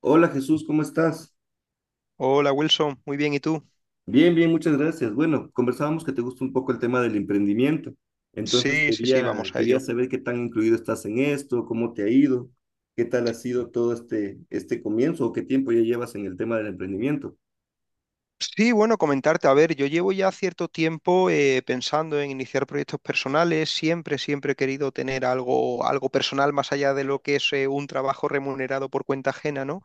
Hola Jesús, ¿cómo estás? Hola Wilson, muy bien, ¿y tú? Bien, bien, muchas gracias. Bueno, conversábamos que te gusta un poco el tema del emprendimiento. Entonces Sí, sí, sí, quería, vamos a quería ello. saber qué tan incluido estás en esto, cómo te ha ido, qué tal ha sido todo este comienzo o qué tiempo ya llevas en el tema del emprendimiento. Sí, bueno, comentarte, a ver, yo llevo ya cierto tiempo pensando en iniciar proyectos personales, siempre he querido tener algo, algo personal más allá de lo que es un trabajo remunerado por cuenta ajena, ¿no?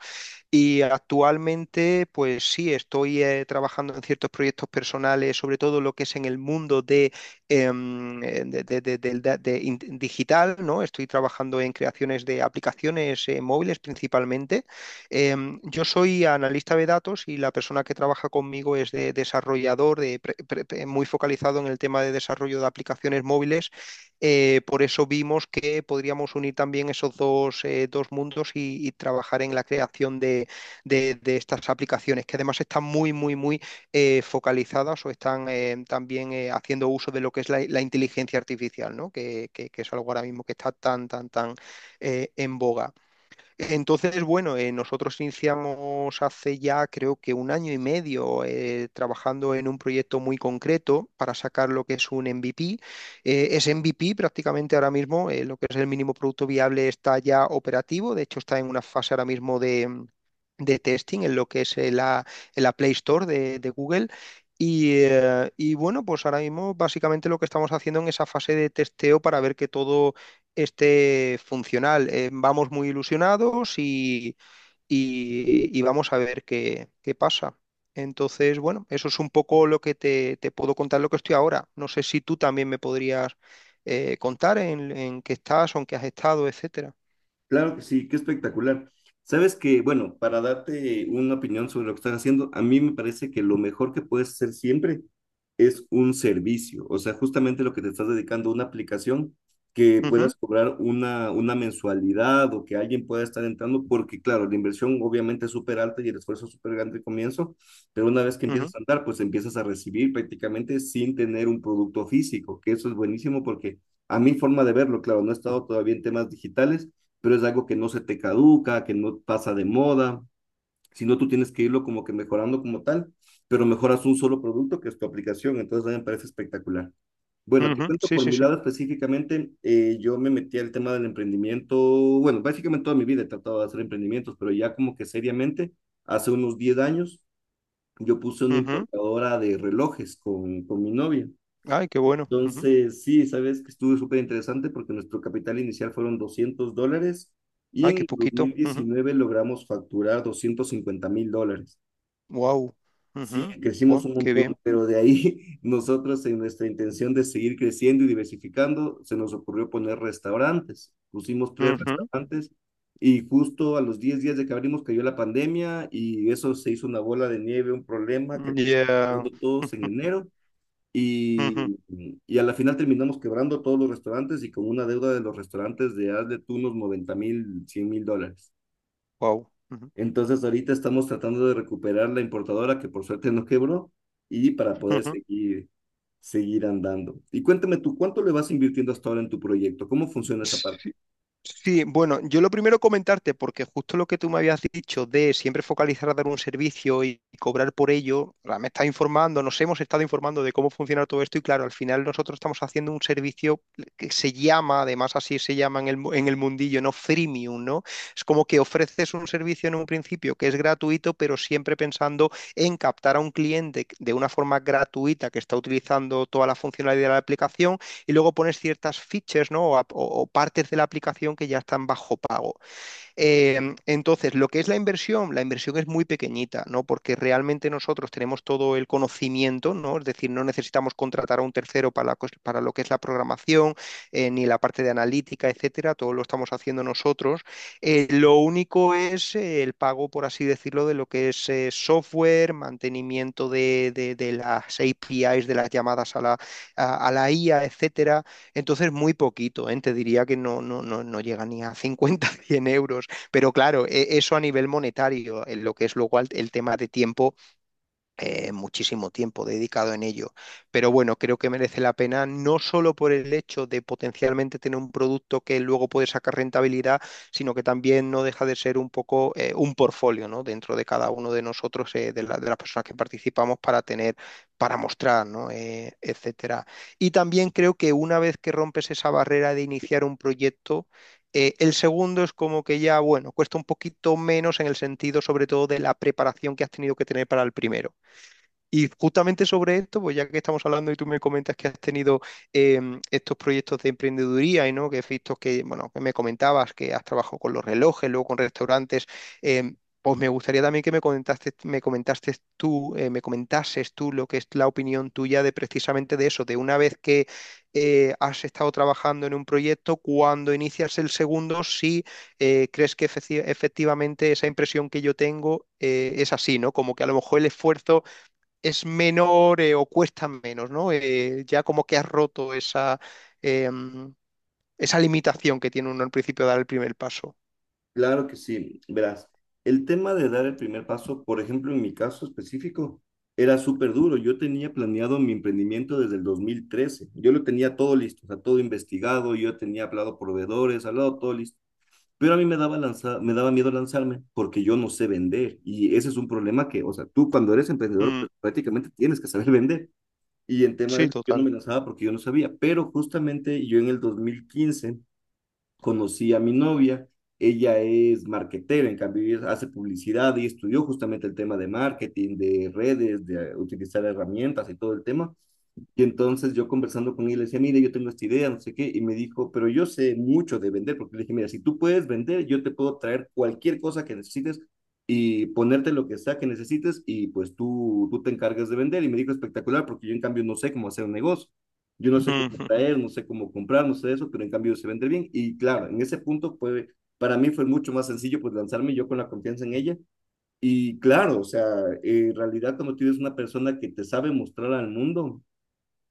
Y actualmente, pues sí, estoy trabajando en ciertos proyectos personales, sobre todo lo que es en el mundo de, em, de- del da- de in- digital, ¿no? Estoy trabajando en creaciones de aplicaciones móviles principalmente. Yo soy analista de datos y la persona que trabaja conmigo es de desarrollador, de pre- pre- pre- muy focalizado en el tema de desarrollo de aplicaciones móviles por eso vimos que podríamos unir también esos dos, dos mundos y trabajar en la creación de, de estas aplicaciones, que además están muy, muy, muy focalizadas o están también haciendo uso de lo que es la inteligencia artificial, ¿no? Que es algo ahora mismo que está tan, tan, tan en boga. Entonces, bueno, nosotros iniciamos hace ya creo que un año y medio trabajando en un proyecto muy concreto para sacar lo que es un MVP. Es MVP prácticamente ahora mismo, lo que es el mínimo producto viable está ya operativo, de hecho está en una fase ahora mismo de testing en lo que es en la Play Store de Google. Y bueno, pues ahora mismo básicamente lo que estamos haciendo en esa fase de testeo para ver que todo esté funcional. Vamos muy ilusionados y vamos a ver qué pasa. Entonces, bueno, eso es un poco lo que te puedo contar lo que estoy ahora. No sé si tú también me podrías contar en qué estás o en qué has estado, etcétera. Claro que sí, qué espectacular. Sabes que, bueno, para darte una opinión sobre lo que estás haciendo, a mí me parece que lo mejor que puedes hacer siempre es un servicio, o sea, justamente lo que te estás dedicando a una aplicación que Ujú, puedas cobrar una mensualidad o que alguien pueda estar entrando, porque claro, la inversión obviamente es súper alta y el esfuerzo es súper grande al comienzo, pero una vez que empiezas a andar, pues empiezas a recibir prácticamente sin tener un producto físico, que eso es buenísimo porque a mi forma de verlo, claro, no he estado todavía en temas digitales, pero es algo que no se te caduca, que no pasa de moda, sino tú tienes que irlo como que mejorando como tal, pero mejoras un solo producto que es tu aplicación. Entonces a mí me parece espectacular. ujú, Bueno, te ujú. cuento Sí, por sí, mi sí. lado específicamente, yo me metí al tema del emprendimiento, bueno, básicamente toda mi vida he tratado de hacer emprendimientos, pero ya como que seriamente, hace unos 10 años, yo puse una Ujú. importadora de relojes con mi novia. Ay, qué bueno. Ujú. Entonces, sí, sabes que estuvo súper interesante porque nuestro capital inicial fueron $200 y Ay, en qué el dos poquito. mil diecinueve logramos facturar $250.000. Wow. Sí, crecimos Wow, un qué montón, bien. pero de ahí nosotros en nuestra intención de seguir creciendo y diversificando, se nos ocurrió poner restaurantes. Pusimos tres Ujú. restaurantes y justo a los 10 días de que abrimos cayó la pandemia y eso se hizo una bola de nieve, un problema que Ya. terminó todos en enero, y, y a la final terminamos quebrando todos los restaurantes y con una deuda de los restaurantes de hazle tú unos 90.000, $100.000. Wow. Entonces ahorita estamos tratando de recuperar la importadora que por suerte no quebró y para poder seguir, seguir andando. Y cuéntame tú, ¿cuánto le vas invirtiendo hasta ahora en tu proyecto? ¿Cómo funciona esa parte? Sí, bueno, yo lo primero comentarte, porque justo lo que tú me habías dicho de siempre focalizar a dar un servicio y cobrar por ello, ahora me estás informando, nos hemos estado informando de cómo funciona todo esto y claro, al final nosotros estamos haciendo un servicio que se llama, además así se llama en el mundillo, ¿no? Freemium, ¿no? Es como que ofreces un servicio en un principio que es gratuito, pero siempre pensando en captar a un cliente de una forma gratuita que está utilizando toda la funcionalidad de la aplicación y luego pones ciertas features, ¿no? O partes de la aplicación que ya están bajo pago. Eh, entonces, lo que es la inversión es muy pequeñita, ¿no? Porque realmente nosotros tenemos todo el conocimiento, ¿no? Es decir, no necesitamos contratar a un tercero para lo que es la programación, ni la parte de analítica, etcétera, todo lo estamos haciendo nosotros. Lo único es el pago, por así decirlo, de lo que es software, mantenimiento de, de las APIs, de las llamadas a la IA, etcétera. Entonces, muy poquito, ¿eh? Te diría que no, no, no, no llega ni a 50, 100 euros. Pero claro, eso a nivel monetario, en lo que es luego el tema de tiempo, muchísimo tiempo dedicado en ello. Pero bueno, creo que merece la pena no solo por el hecho de potencialmente tener un producto que luego puede sacar rentabilidad, sino que también no deja de ser un poco un portfolio, ¿no? Dentro de cada uno de nosotros, de las personas que participamos para tener, para mostrar, ¿no? Etcétera. Y también creo que una vez que rompes esa barrera de iniciar un proyecto, el segundo es como que ya, bueno, cuesta un poquito menos en el sentido sobre todo de la preparación que has tenido que tener para el primero. Y justamente sobre esto, pues ya que estamos hablando y tú me comentas que has tenido estos proyectos de emprendeduría y no, que has visto que, bueno, que me comentabas que has trabajado con los relojes, luego con restaurantes, pues me gustaría también que me comentases tú lo que es la opinión tuya de precisamente de eso, de una vez que has estado trabajando en un proyecto, cuando inicias el segundo, si crees que efectivamente esa impresión que yo tengo es así, ¿no? Como que a lo mejor el esfuerzo es menor o cuesta menos, ¿no? Ya como que has roto eh, mm, esa limitación que tiene uno al principio de dar el primer paso. Claro que sí, verás, el tema de dar el primer paso, por ejemplo, en mi caso específico, era súper duro. Yo tenía planeado mi emprendimiento desde el 2013. Yo lo tenía todo listo, o sea, todo investigado, yo tenía hablado proveedores, hablado todo listo. Pero a mí me daba, me daba miedo lanzarme porque yo no sé vender. Y ese es un problema que, o sea, tú cuando eres emprendedor, Mm, pues prácticamente tienes que saber vender. Y en tema sí, de yo no total. me lanzaba porque yo no sabía. Pero justamente yo en el 2015 conocí a mi novia, ella es marketera, en cambio ella hace publicidad y estudió justamente el tema de marketing, de redes, de utilizar herramientas y todo el tema. Y entonces yo conversando con él, le decía, mire, yo tengo esta idea, no sé qué, y me dijo, pero yo sé mucho de vender, porque le dije, mira, si tú puedes vender, yo te puedo traer cualquier cosa que necesites y ponerte lo que sea que necesites y pues tú te encargas de vender. Y me dijo, espectacular, porque yo en cambio no sé cómo hacer un negocio. Yo no sé cómo traer, no sé cómo comprar, no sé eso, pero en cambio se vende bien. Y claro, en ese punto, pues para mí fue mucho más sencillo pues lanzarme yo con la confianza en ella. Y claro, o sea, en realidad como tú eres una persona que te sabe mostrar al mundo,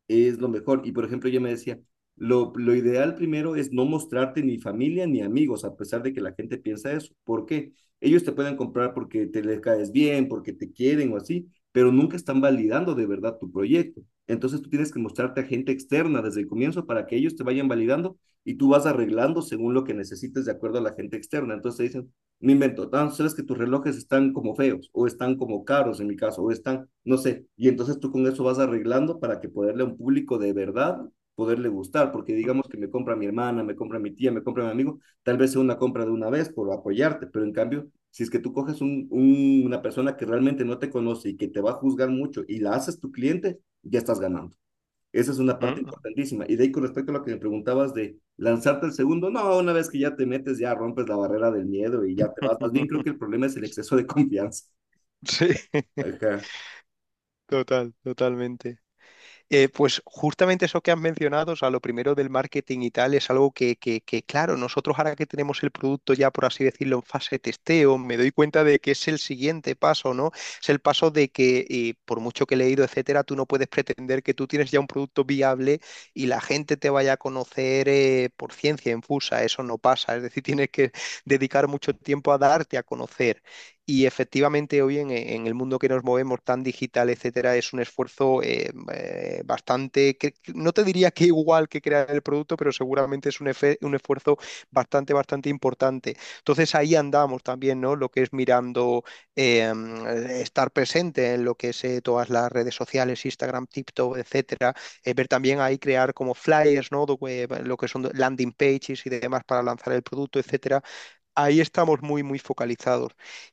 es lo mejor. Y por ejemplo, yo me decía, lo ideal primero es no mostrarte ni familia ni amigos, a pesar de que la gente piensa eso. ¿Por qué? Ellos te pueden comprar porque te les caes bien, porque te quieren o así, pero nunca están validando de verdad tu proyecto. Entonces tú tienes que mostrarte a gente externa desde el comienzo para que ellos te vayan validando y tú vas arreglando según lo que necesites de acuerdo a la gente externa. Entonces te dicen, me invento, tan sabes que tus relojes están como feos o están como caros en mi caso o están, no sé, y entonces tú con eso vas arreglando para que poderle a un público de verdad poderle gustar, porque digamos que me compra mi hermana, me compra mi tía, me compra mi amigo, tal vez sea una compra de una vez por apoyarte, pero en cambio, si es que tú coges una persona que realmente no te conoce y que te va a juzgar mucho y la haces tu cliente, ya estás ganando. Esa es una parte importantísima. Y de ahí con respecto a lo que me preguntabas de lanzarte el segundo, no, una vez que ya te metes, ya rompes la barrera del miedo y ya te vas. Más bien creo que el problema es el exceso de confianza. Sí, Ajá. total, totalmente. Pues justamente eso que has mencionado, o sea, lo primero del marketing y tal, es algo que, claro, nosotros ahora que tenemos el producto ya, por así decirlo, en fase de testeo, me doy cuenta de que es el siguiente paso, ¿no? Es el paso de que, por mucho que he leído, etcétera, tú no puedes pretender que tú tienes ya un producto viable y la gente te vaya a conocer por ciencia infusa, eso no pasa, es decir, tienes que dedicar mucho tiempo a darte a conocer y efectivamente hoy en el mundo que nos movemos tan digital, etcétera, es un esfuerzo bastante, que no te diría que igual que crear el producto, pero seguramente es un esfuerzo bastante, bastante importante. Entonces ahí andamos también, ¿no? Lo que es mirando, eh, estar presente en lo que es todas las redes sociales, Instagram, TikTok, etcétera. Ver también ahí crear como flyers, ¿no? Lo que son landing pages y demás para lanzar el producto, etcétera. Ahí estamos muy, muy focalizados.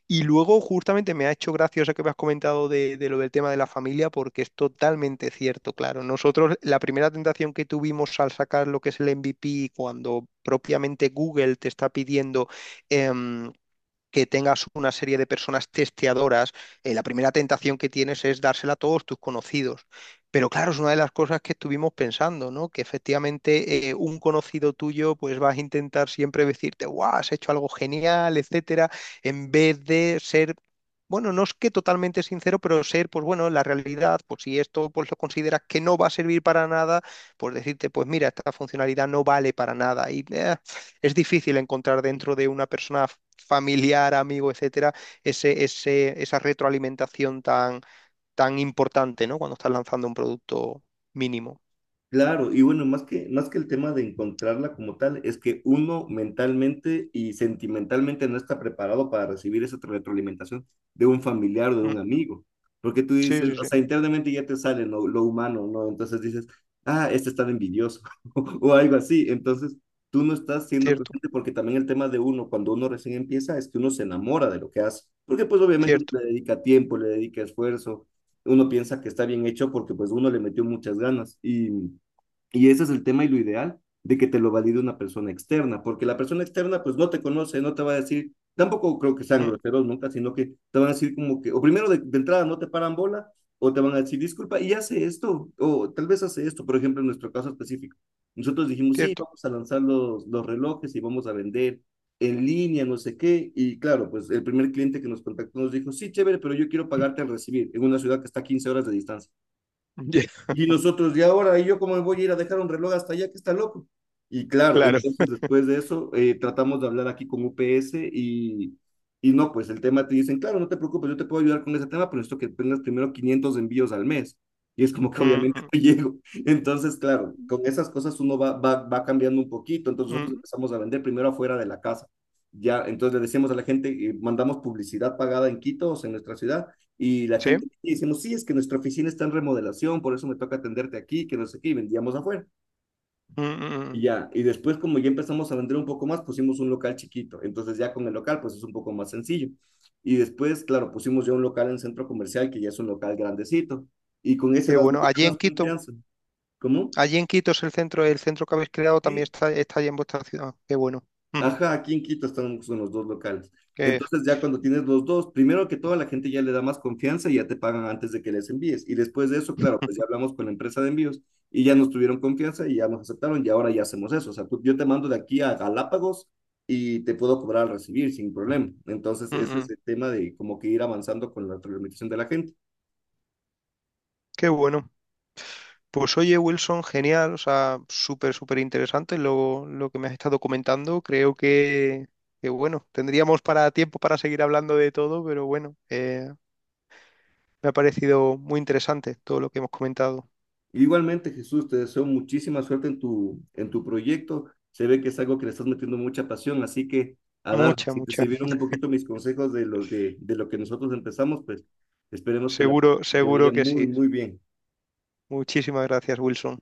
Y luego, justamente, me ha hecho gracia eso que me has comentado de lo del tema de la familia, porque es totalmente cierto, claro. Nosotros, la primera tentación que tuvimos al sacar lo que es el MVP, cuando propiamente Google te está pidiendo em, que tengas una serie de personas testeadoras, la primera tentación que tienes es dársela a todos tus conocidos. Pero claro, es una de las cosas que estuvimos pensando, ¿no? Que efectivamente un conocido tuyo, pues vas a intentar siempre decirte, guau, has hecho algo genial, etcétera, en vez de ser bueno, no es que totalmente sincero, pero ser, pues bueno, la realidad, pues si esto pues lo consideras que no va a servir para nada, pues decirte, pues mira, esta funcionalidad no vale para nada y es difícil encontrar dentro de una persona familiar, amigo, etcétera, esa retroalimentación tan, tan importante, ¿no? Cuando estás lanzando un producto mínimo. Claro, y bueno, más que el tema de encontrarla como tal, es que uno mentalmente y sentimentalmente no está preparado para recibir esa retroalimentación de un familiar o de Mm, un amigo. Porque tú sí, dices, sí, o sí. sea, internamente ya te sale lo humano, ¿no? Entonces dices, ah, este está de envidioso o algo así. Entonces tú no estás siendo Cierto, consciente porque también el tema de uno, cuando uno recién empieza, es que uno se enamora de lo que hace. Porque pues obviamente uno cierto, le dedica tiempo, le dedica esfuerzo, uno piensa que está bien hecho porque pues uno le metió muchas ganas. Y ese es el tema y lo ideal de que te lo valide una persona externa, porque la persona externa pues no te conoce, no te va a decir, tampoco creo que sean mm, groseros nunca, sino que te van a decir como que, o primero de entrada no te paran bola, o te van a decir, disculpa, y hace esto, o tal vez hace esto, por ejemplo, en nuestro caso específico. Nosotros dijimos, sí, cierto. vamos a lanzar los relojes y vamos a vender en línea, no sé qué, y claro, pues el primer cliente que nos contactó nos dijo, sí, chévere, pero yo quiero pagarte al recibir, en una ciudad que está a 15 horas de distancia. Yeah. Y nosotros, ¿y ahora? ¿Y yo cómo me voy a ir a dejar un reloj hasta allá que está loco? Y claro, Claro. entonces después de eso, tratamos de hablar aquí con UPS y no, pues el tema te dicen, claro, no te preocupes, yo te puedo ayudar con ese tema, pero esto que tengas primero 500 envíos al mes. Y es como que Mm, obviamente mm, no llego. Entonces, claro, con esas cosas uno va, va, va cambiando un poquito. Entonces nosotros mm, empezamos a vender primero afuera de la casa. Ya, entonces le decíamos a la gente, mandamos publicidad pagada en Quito, o sea, en nuestra ciudad, y la sí. gente decimos, sí, es que nuestra oficina está en remodelación, por eso me toca atenderte aquí, que no sé qué, y vendíamos afuera. Mm, mm, Y mm. ya, y después como ya empezamos a vender un poco más, pusimos un local chiquito. Entonces ya con el local, pues es un poco más sencillo. Y después, claro, pusimos ya un local en centro comercial, que ya es un local grandecito. Y con ese Qué das bueno. mucha más confianza. ¿Cómo? Allí en Quito es el centro que habéis creado también Sí, está allí en vuestra ciudad. Qué bueno. Ujú. ajá, aquí en Quito están son los dos locales. Qué, Entonces ya cuando tienes los dos, primero que todo la gente ya le da más confianza y ya te pagan antes de que les envíes. Y después de eso, claro, pues ya hablamos con la empresa de envíos y ya nos tuvieron confianza y ya nos aceptaron y ahora ya hacemos eso. O sea, tú- yo te mando de aquí a Galápagos y te puedo cobrar al recibir sin problema. Entonces mm, ese es mm, el tema de como que ir avanzando con la implementación de la gente. qué bueno. Pues oye, Wilson, genial, o sea, súper, súper interesante lo que me has estado comentando. Creo que, bueno, tendríamos para tiempo para seguir hablando de todo, pero bueno, me ha parecido muy interesante todo lo que hemos comentado. Igualmente, Jesús, te deseo muchísima suerte en tu proyecto. Se ve que es algo que le estás metiendo mucha pasión, así que a dar, Mucha, si te mucha. sirvieron un poquito mis consejos de lo que nosotros empezamos, pues esperemos que la, Seguro, te vaya seguro que muy, sí. muy bien. Muchísimas gracias, Wilson.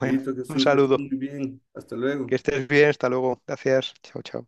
Bueno, Listo, un Jesús, que estés saludo. muy bien. Hasta Que luego. estés bien, hasta luego. Gracias. Chao, chao.